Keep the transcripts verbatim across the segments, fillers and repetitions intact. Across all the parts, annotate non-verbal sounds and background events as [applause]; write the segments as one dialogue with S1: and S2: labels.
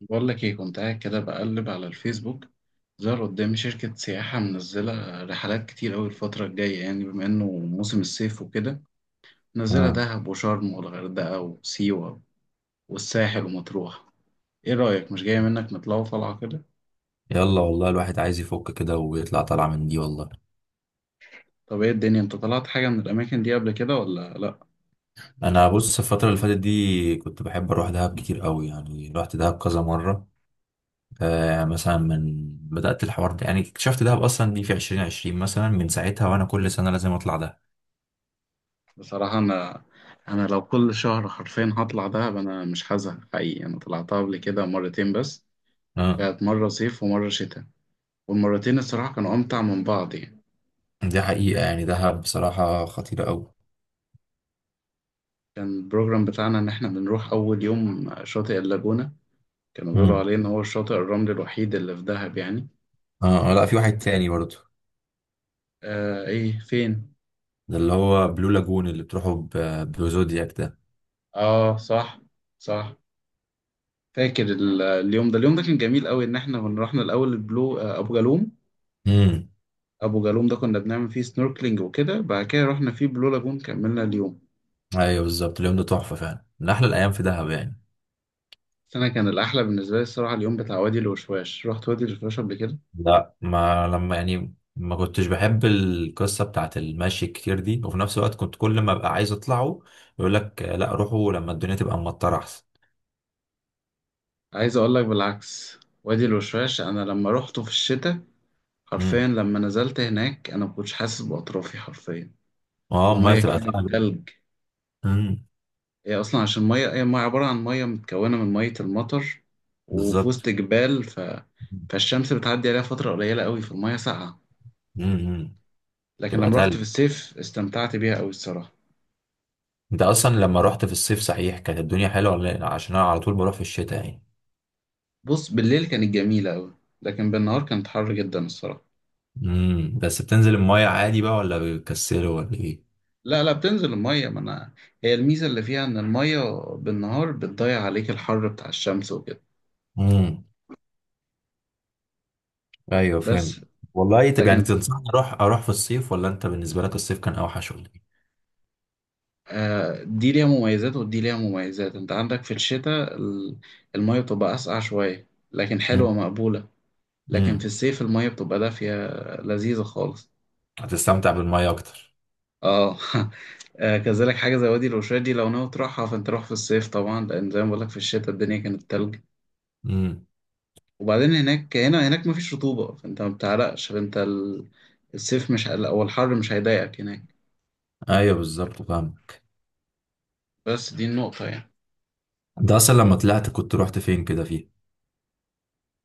S1: بقول لك ايه، كنت قاعد كده بقلب على الفيسبوك. ظهر قدامي شركة سياحة منزلة رحلات كتير أوي الفترة الجاية، يعني بما إنه موسم الصيف وكده. منزلة
S2: آه.
S1: دهب وشرم والغردقة وسيوة والساحل ومطروح. ايه رأيك مش جاية منك نطلعوا طلعة كده؟
S2: يلا والله الواحد عايز يفك كده ويطلع طالعة من دي والله.
S1: طب ايه الدنيا، انت طلعت حاجة من الأماكن دي قبل كده ولا لأ؟
S2: انا بص، الفترة اللي فاتت دي كنت بحب اروح دهب كتير قوي، يعني رحت دهب كذا مرة. آه، مثلا من بدأت الحوار ده، يعني اكتشفت دهب اصلا دي في عشرين عشرين، مثلا من ساعتها وانا كل سنة لازم اطلع دهب.
S1: بصراحة أنا أنا لو كل شهر حرفيا هطلع دهب أنا مش هزهق حقيقي. أنا طلعتها قبل كده مرتين بس.
S2: آه.
S1: كانت مرة صيف ومرة شتاء، والمرتين الصراحة كانوا أمتع من بعض يعني.
S2: دي حقيقة، يعني دهب بصراحة خطيرة قوي.
S1: كان البروجرام بتاعنا إن إحنا بنروح أول يوم شاطئ اللاجونة. كانوا بيقولوا
S2: مم.
S1: عليه إن هو الشاطئ الرملي الوحيد اللي في دهب يعني.
S2: اه آه، لا، في واحد تاني برضه.
S1: آه إيه فين؟
S2: ده اللي هو بلو لاجون اللي بتروحوا ب- بزودياك ده.
S1: آه صح. صح. فاكر ال- اليوم ده اليوم ده كان جميل قوي، إن إحنا كنا رحنا الأول البلو آه أبو جالوم
S2: امم.
S1: أبو جالوم ده كنا بنعمل فيه سنوركلينج وكده، بعد كده رحنا فيه بلو لاجون كملنا اليوم.
S2: ايوه بالظبط، اليوم ده تحفة فعلا، من احلى الايام في دهب يعني.
S1: بس أنا كان الأحلى بالنسبة لي الصراحة اليوم بتاع وادي الوشواش. رحت وادي الوشواش قبل كده.
S2: لا ما لما، يعني ما كنتش بحب القصة بتاعت المشي الكتير دي، وفي نفس الوقت كنت كل ما ابقى عايز اطلعه يقول لك آه، لا روحوا لما الدنيا تبقى مطرة احسن.
S1: عايز أقول لك بالعكس، وادي الوشواش أنا لما روحته في الشتاء حرفيا
S2: امم.
S1: لما نزلت هناك انا ما كنتش حاسس باطرافي حرفيا.
S2: اه، المية
S1: الميه
S2: تبقى
S1: كانت
S2: تقل.
S1: تلج.
S2: امم.
S1: هي اصلا عشان ميه، هي ميه عباره عن ميه متكونه من ميه المطر وفي وسط
S2: بالظبط.
S1: جبال ف... فالشمس بتعدي عليها فتره قليله قوي فالميه ساقعه.
S2: امم.
S1: لكن
S2: تبقى
S1: لما رحت في
S2: تقل.
S1: الصيف استمتعت بيها قوي الصراحه.
S2: انت اصلا لما رحت في الصيف صحيح كانت الدنيا حلوة ولا لأ؟ عشان انا على طول بروح في الشتاء يعني.
S1: بص، بالليل كانت جميله قوي، لكن بالنهار كانت حر جدا الصراحه.
S2: امم، بس بتنزل المية عادي بقى ولا بيكسلوا ولا ايه؟
S1: لا لا، بتنزل الميه، ما انا هي الميزه اللي فيها ان الميه بالنهار بتضيع عليك الحر بتاع الشمس وكده.
S2: امم. ايوه فهمت.
S1: بس
S2: والله طب، يعني
S1: لكن
S2: تنصحني اروح اروح في الصيف، ولا انت بالنسبة لك الصيف كان اوحش ولا إيه؟
S1: آه، دي ليها مميزات ودي ليها مميزات، انت عندك في الشتاء ال- المية بتبقى أسقع شوية لكن حلوة
S2: مم.
S1: مقبولة. لكن في
S2: مم.
S1: الصيف المية بتبقى دافية لذيذة خالص.
S2: هتستمتع بالمية اكتر.
S1: اه. [laughs] آه، كذلك حاجة زي وادي الوشاش دي لو ناوي تروحها فانت روح في الصيف طبعا، لأن زي ما بقولك في الشتاء الدنيا كانت تلج.
S2: مم.
S1: وبعدين هناك، هنا هناك مفيش رطوبة فانت ما بتعرقش، فانت ال- الصيف مش، أو الحر مش هيضايقك هناك.
S2: ايوه بالظبط فاهمك.
S1: بس دي النقطة يعني.
S2: انت اصلا لما طلعت كنت رحت فين كده فيه؟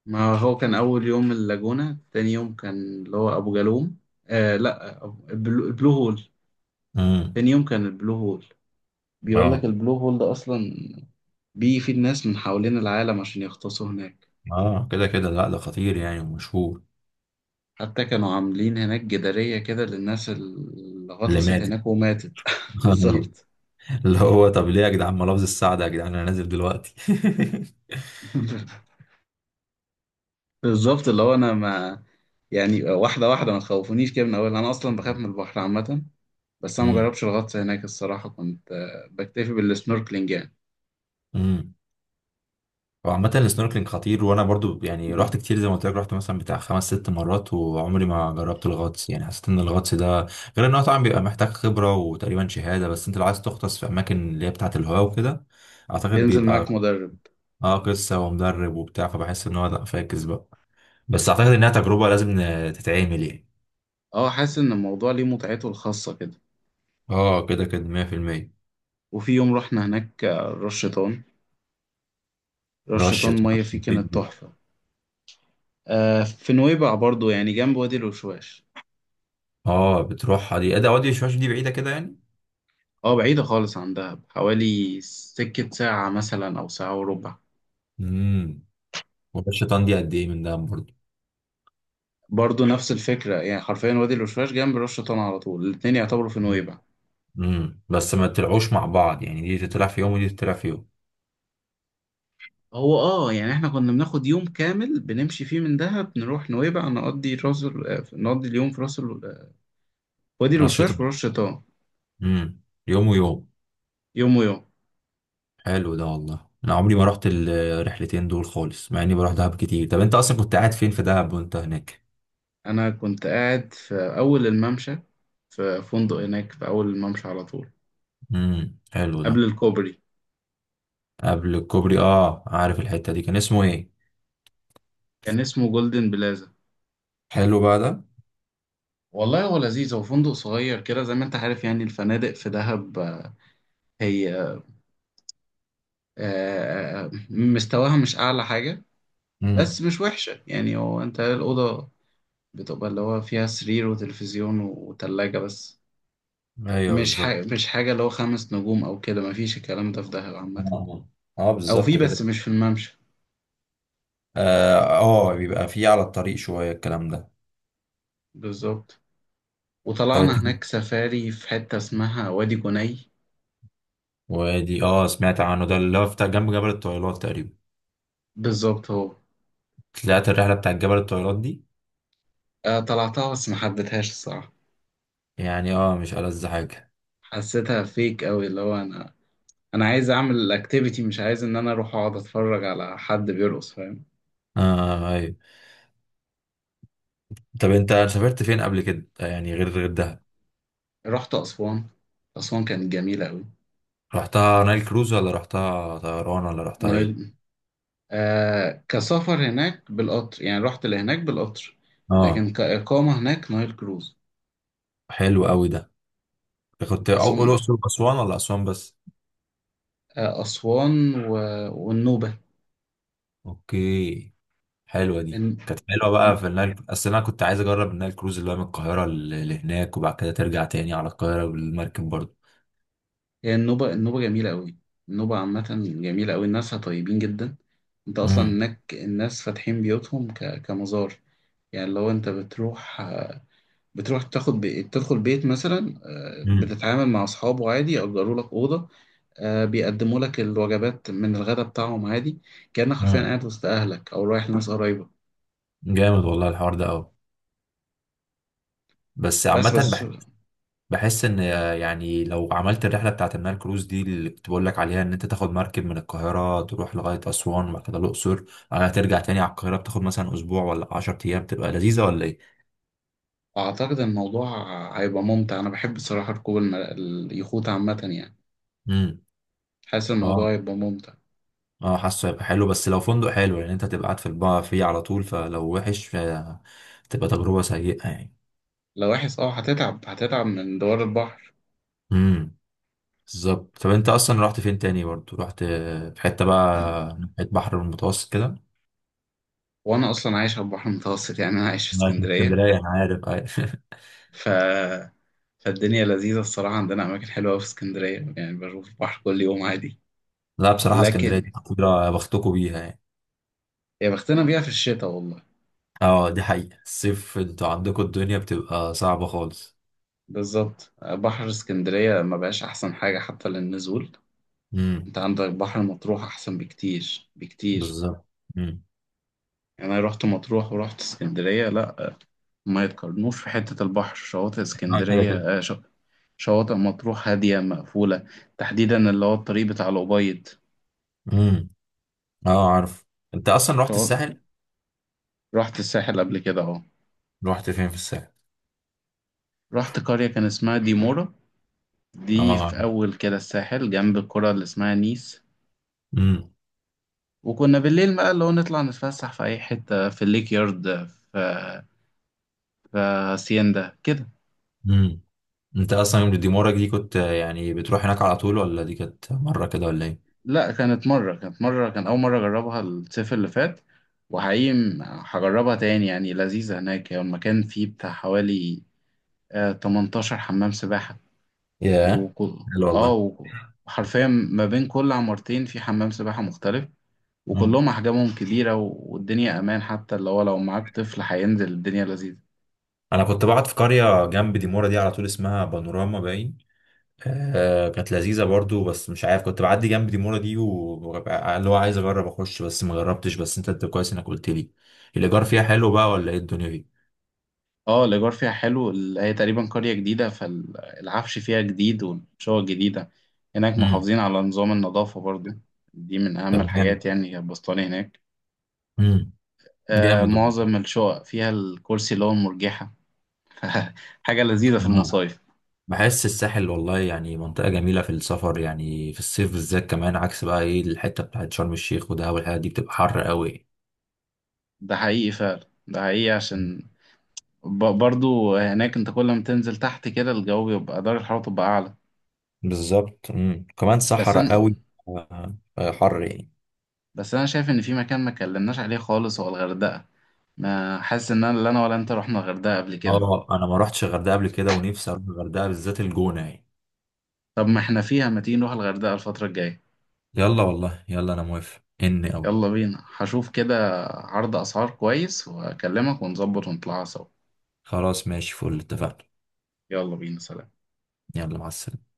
S1: ما هو كان أول يوم اللاجونة، تاني يوم كان اللي هو أبو جالوم. آه لأ، أبو- البلو, البلو هول.
S2: امم.
S1: تاني يوم كان البلو هول. بيقول لك
S2: اه.
S1: البلو هول ده أصلا بيجي فيه الناس من حوالين العالم عشان يغطسوا هناك.
S2: اه كده كده، لا ده خطير يعني ومشهور.
S1: حتى كانوا عاملين هناك جدارية كده للناس اللي
S2: اللي
S1: غطست
S2: مات [laughs]
S1: هناك وماتت. [laughs]
S2: أيوة.
S1: بالظبط.
S2: اللي هو طب ليه يا جدعان ما لفظ السعد يا جدعان، انا نازل دلوقتي.
S1: [laughs] بالظبط. اللي هو أنا ما يعني واحدة واحدة، ما تخوفونيش كده من أول، أنا أصلا بخاف من البحر عامة. بس أنا مجربش
S2: [laughs]
S1: الغطس هناك الصراحة، كنت آه، بكتفي بالسنوركلينج يعني.
S2: امم. هو عامة السنوركلينج خطير، وانا برضو يعني رحت كتير زي ما قلت لك، رحت مثلا بتاع خمس ست مرات وعمري ما جربت الغطس. يعني حسيت ان الغطس ده، غير ان هو طبعا بيبقى محتاج خبرة وتقريبا شهادة، بس انت لو عايز تغطس في اماكن اللي هي بتاعة الهواء وكده اعتقد
S1: بينزل معاك
S2: بيبقى
S1: مدرب.
S2: اه قصة ومدرب وبتاع، فبحس ان هو لا فاكس بقى. بس اعتقد انها تجربة لازم ن- تتعمل يعني.
S1: اه، حاسس ان الموضوع ليه متعته الخاصة كده.
S2: اه كده كده مية في المية.
S1: وفي يوم رحنا هناك آه، راس شيطان راس
S2: رشة.
S1: شيطان مية فيه كانت تحفة. آه في نويبع برضو، يعني جنب وادي الوشواش.
S2: اه بتروحها دي ادي اودي شوية، دي بعيدة كده يعني.
S1: اه بعيدة خالص عن دهب، حوالي سكة ساعة مثلا أو ساعة وربع.
S2: امم. ورشة دي قد ايه من ده برضو؟
S1: برضو نفس الفكرة، يعني حرفيا وادي الوشواش جنب راس شيطان على طول، الاتنين يعتبروا في نويبع.
S2: امم، بس ما تطلعوش مع بعض يعني، دي تطلع في يوم ودي تطلع في يوم.
S1: هو اه يعني احنا كنا بناخد يوم كامل بنمشي فيه من دهب نروح نويبع، نقضي راس ال- آه، نقضي اليوم في راس ال- آه، وادي الوشواش في راس
S2: أنشطة.
S1: شيطان.
S2: امم. يوم ويوم.
S1: يوم ويوم.
S2: حلو ده والله، أنا عمري ما رحت الرحلتين دول خالص مع إني بروح دهب كتير. طب أنت أصلا كنت قاعد فين في دهب وأنت هناك؟
S1: أنا كنت قاعد في أول الممشى، في فندق هناك في أول الممشى على طول
S2: امم، حلو ده.
S1: قبل الكوبري.
S2: قبل الكوبري، أه عارف الحتة دي، كان اسمه إيه؟
S1: كان اسمه جولدن بلازا.
S2: حلو بقى ده.
S1: والله هو لذيذ، هو فندق صغير كده زي ما أنت عارف، يعني الفنادق في دهب آه، هي آه، آه، مستواها مش أعلى حاجة، بس
S2: امم.
S1: مش وحشة يعني. هو أنت الأوضة بتبقى اللي هو فيها سرير وتلفزيون وتلاجة بس.
S2: أيوه
S1: مش
S2: بالظبط.
S1: حاجة، مش حاجة اللي هو خمس نجوم أو كده، مفيش الكلام ده في دهب عامة.
S2: اه آه،
S1: أو في،
S2: بالظبط كده.
S1: بس مش في الممشى.
S2: اه آه، بيبقى فيه على الطريق شوية الكلام ده.
S1: بالظبط.
S2: طب أنت،
S1: وطلعنا هناك سفاري في حتة اسمها وادي جني.
S2: وادي، أه سمعت عنه ده، اللي هو بتاع جنب جبل الطويلات تقريبا.
S1: بالظبط هو.
S2: طلعت الرحلة بتاعت جبل الطويلات دي؟
S1: آه، طلعتها بس ما حبيتهاش الصراحة،
S2: يعني اه مش ألذ حاجة.
S1: حسيتها فيك أوي. اللي هو أنا أنا عايز أعمل الأكتيفيتي، مش عايز إن أنا أروح أقعد أتفرج على حد بيرقص، فاهم.
S2: اه ايوه. طب انت سافرت فين قبل كده، يعني غير غير دهب؟
S1: رحت أسوان. أسوان كانت جميلة أوي.
S2: رحتها نايل كروز، ولا رحتها طيران، ولا رحتها ايه؟
S1: نايل. آه كسفر هناك بالقطر، يعني رحت لهناك بالقطر،
S2: اه
S1: لكن كإقامة هناك نايل كروز.
S2: حلو قوي ده. كنت أو-
S1: بس
S2: أو
S1: هم.
S2: الأقصر وأسوان، ولا أسوان بس؟
S1: آه أسوان و... والنوبة.
S2: اوكي. حلوة دي، كانت حلوة بقى في النايل، اصل انا كنت عايز اجرب النايل كروز اللي هو من القاهرة ل- لهناك، وبعد كده ترجع تاني على القاهرة بالمركب برضه.
S1: هي النوبة النوبة جميلة أوي. النوبة عامة جميلة أوي، الناسها طيبين جدا. أنت أصلا
S2: امم.
S1: هناك الناس فاتحين بيوتهم ك... كمزار. يعني لو أنت بتروح، بتروح تاخد بي... تدخل بيت مثلا، آه،
S2: امم.
S1: بتتعامل مع أصحابه عادي، يأجروا لك أوضة، آه، بيقدموا لك الوجبات من الغداء بتاعهم عادي، كأنك حرفيا
S2: امم.
S1: قاعد وسط أهلك أو رايح لناس قريبة.
S2: جامد والله الحوار ده قوي. بس
S1: بس
S2: عامة
S1: بس
S2: بحس، بحس ان، يعني لو عملت الرحله بتاعت النايل كروز دي اللي كنت بقول لك عليها، ان انت تاخد مركب من القاهره تروح لغايه اسوان وبعد كده الاقصر، بعدها ترجع تاني على القاهره، بتاخد مثلا اسبوع ولا عشر أيام ايام، تبقى لذيذه ولا ايه؟
S1: أعتقد الموضوع هيبقى ممتع. أنا بحب الصراحة ركوب الم... اليخوت عامة يعني.
S2: امم.
S1: حاسس
S2: اه.
S1: الموضوع هيبقى ممتع.
S2: اه حاسه هيبقى حلو، بس لو فندق حلو يعني، انت هتبقى قاعد في البا فيه على طول، فلو وحش فتبقى تجربه سيئه يعني.
S1: لو وحش اه هتتعب، هتتعب من دوار البحر.
S2: امم. بالظبط. طب انت اصلا رحت فين تاني برضه، رحت في حته بقى، ناحيه بحر المتوسط كده؟
S1: وانا اصلا عايش على البحر المتوسط، يعني انا عايش في
S2: ما في
S1: اسكندريه.
S2: اسكندريه انا عارف. [laughs]
S1: ف... فالدنيا لذيذه الصراحه، عندنا اماكن حلوه أوي في اسكندريه، يعني بشوف البحر كل يوم عادي.
S2: لا بصراحة اسكندرية
S1: لكن
S2: دي محظوظة بختكوا بيها يعني.
S1: يا بختنا بيها في الشتاء والله.
S2: اه دي حقيقة، الصيف انتوا عندكوا الدنيا بتبقى صعبة خالص.
S1: بالظبط، بحر اسكندريه ما بقاش احسن حاجه حتى للنزول.
S2: امم.
S1: انت عندك بحر مطروح احسن بكتير بكتير.
S2: بالظبط. امم.
S1: يعني انا رحت مطروح ورحت اسكندريه، لا ما يتقارنوش. في حتة البحر شواطئ
S2: اه كده كده.
S1: اسكندرية آه، ش- شواطئ مطروح هادية مقفولة، تحديدا اللي هو الطريق بتاع الأبيض.
S2: امم. اه عارف. انت اصلا رحت
S1: شواطئ
S2: الساحل؟
S1: رحت الساحل قبل كده أهو.
S2: رحت فين في الساحل؟
S1: رحت قرية كان اسمها ديمورا، دي
S2: اه
S1: في
S2: عارف.
S1: أول كده الساحل جنب القرى اللي اسمها نيس.
S2: امم.
S1: وكنا بالليل بقى اللي هو نطلع نتفسح في أي حتة، في الليك يارد، في في هاسيندا كده.
S2: امم. انت اصلا يوم ديمورك دي كنت آه، يعني بتروح هناك على طول، ولا دي كانت مرة كده ولا ايه؟
S1: لا كانت مرة، كانت مرة كان أول مرة أجربها الصيف اللي فات. وحقيقي م- هجربها تاني، يعني لذيذة هناك. هي المكان فيه بتاع حوالي آه، تمنتاشر حمام سباحة.
S2: ياه.
S1: وكل
S2: حلو
S1: اه
S2: والله.
S1: و- وحرفيا ما بين كل عمارتين في حمام سباحة مختلف،
S2: مم.
S1: وكلهم أحجامهم كبيرة و- والدنيا أمان، حتى اللي هو لو معاك طفل هينزل الدنيا لذيذة.
S2: انا كنت بقعد في قرية جنب ديمورا دي على طول، اسمها بانوراما باين. آه كانت لذيذة برضو، بس مش عارف، كنت بعدي جنب ديمورا دي وببقى اللي هو عايز أجرب أخش بس ما جربتش، بس أنت أنت كويس إنك قلت لي. الإيجار فيها حلو بقى ولا إيه الدنيا دي؟
S1: اه الإيجار فيها حلو. ال- هي تقريبا قرية جديدة، فالعفش فيها جديد والشقق جديدة. هناك
S2: امم.
S1: محافظين على نظام النظافة برضو، دي من أهم
S2: طب جامد.
S1: الحاجات، يعني هي البسطاني هناك.
S2: امم.
S1: آه
S2: جامد والله.
S1: معظم الشقق فيها الكرسي اللي هو المرجحة. [laughs] حاجة لذيذة في
S2: آه.
S1: المصايف.
S2: بحس الساحل والله يعني منطقة جميلة في السفر، يعني في الصيف بالذات، كمان عكس بقى إيه الحتة بتاعت شرم الشيخ ودهب والحاجات دي بتبقى حر قوي.
S1: ده حقيقي فعلا. ده حقيقي
S2: مم.
S1: عشان ب- برضو هناك انت كل ما تنزل تحت كده الجو بيبقى، درجة الحرارة تبقى أعلى.
S2: بالظبط. امم، كمان
S1: بس أنا
S2: صحراء قوي. آه، آه، حر يعني.
S1: بس أنا شايف إن في مكان ما اتكلمناش عليه خالص، هو الغردقة. ما حاسس إن أنا لا أنا ولا أنت رحنا الغردقة قبل كده.
S2: اه انا ما رحتش الغردقه قبل كده، ونفسي اروح الغردقه، بالذات الجونه يعني.
S1: طب ما احنا فيها، ما تيجي نروح الغردقة الفترة الجاية.
S2: يلا والله، يلا انا موافق اني اوي.
S1: يلا بينا، هشوف كده عرض أسعار كويس وأكلمك ونظبط ونطلعها سوا.
S2: خلاص ماشي، فل اتفقنا.
S1: يلا بينا، سلام.
S2: يلا مع السلامة.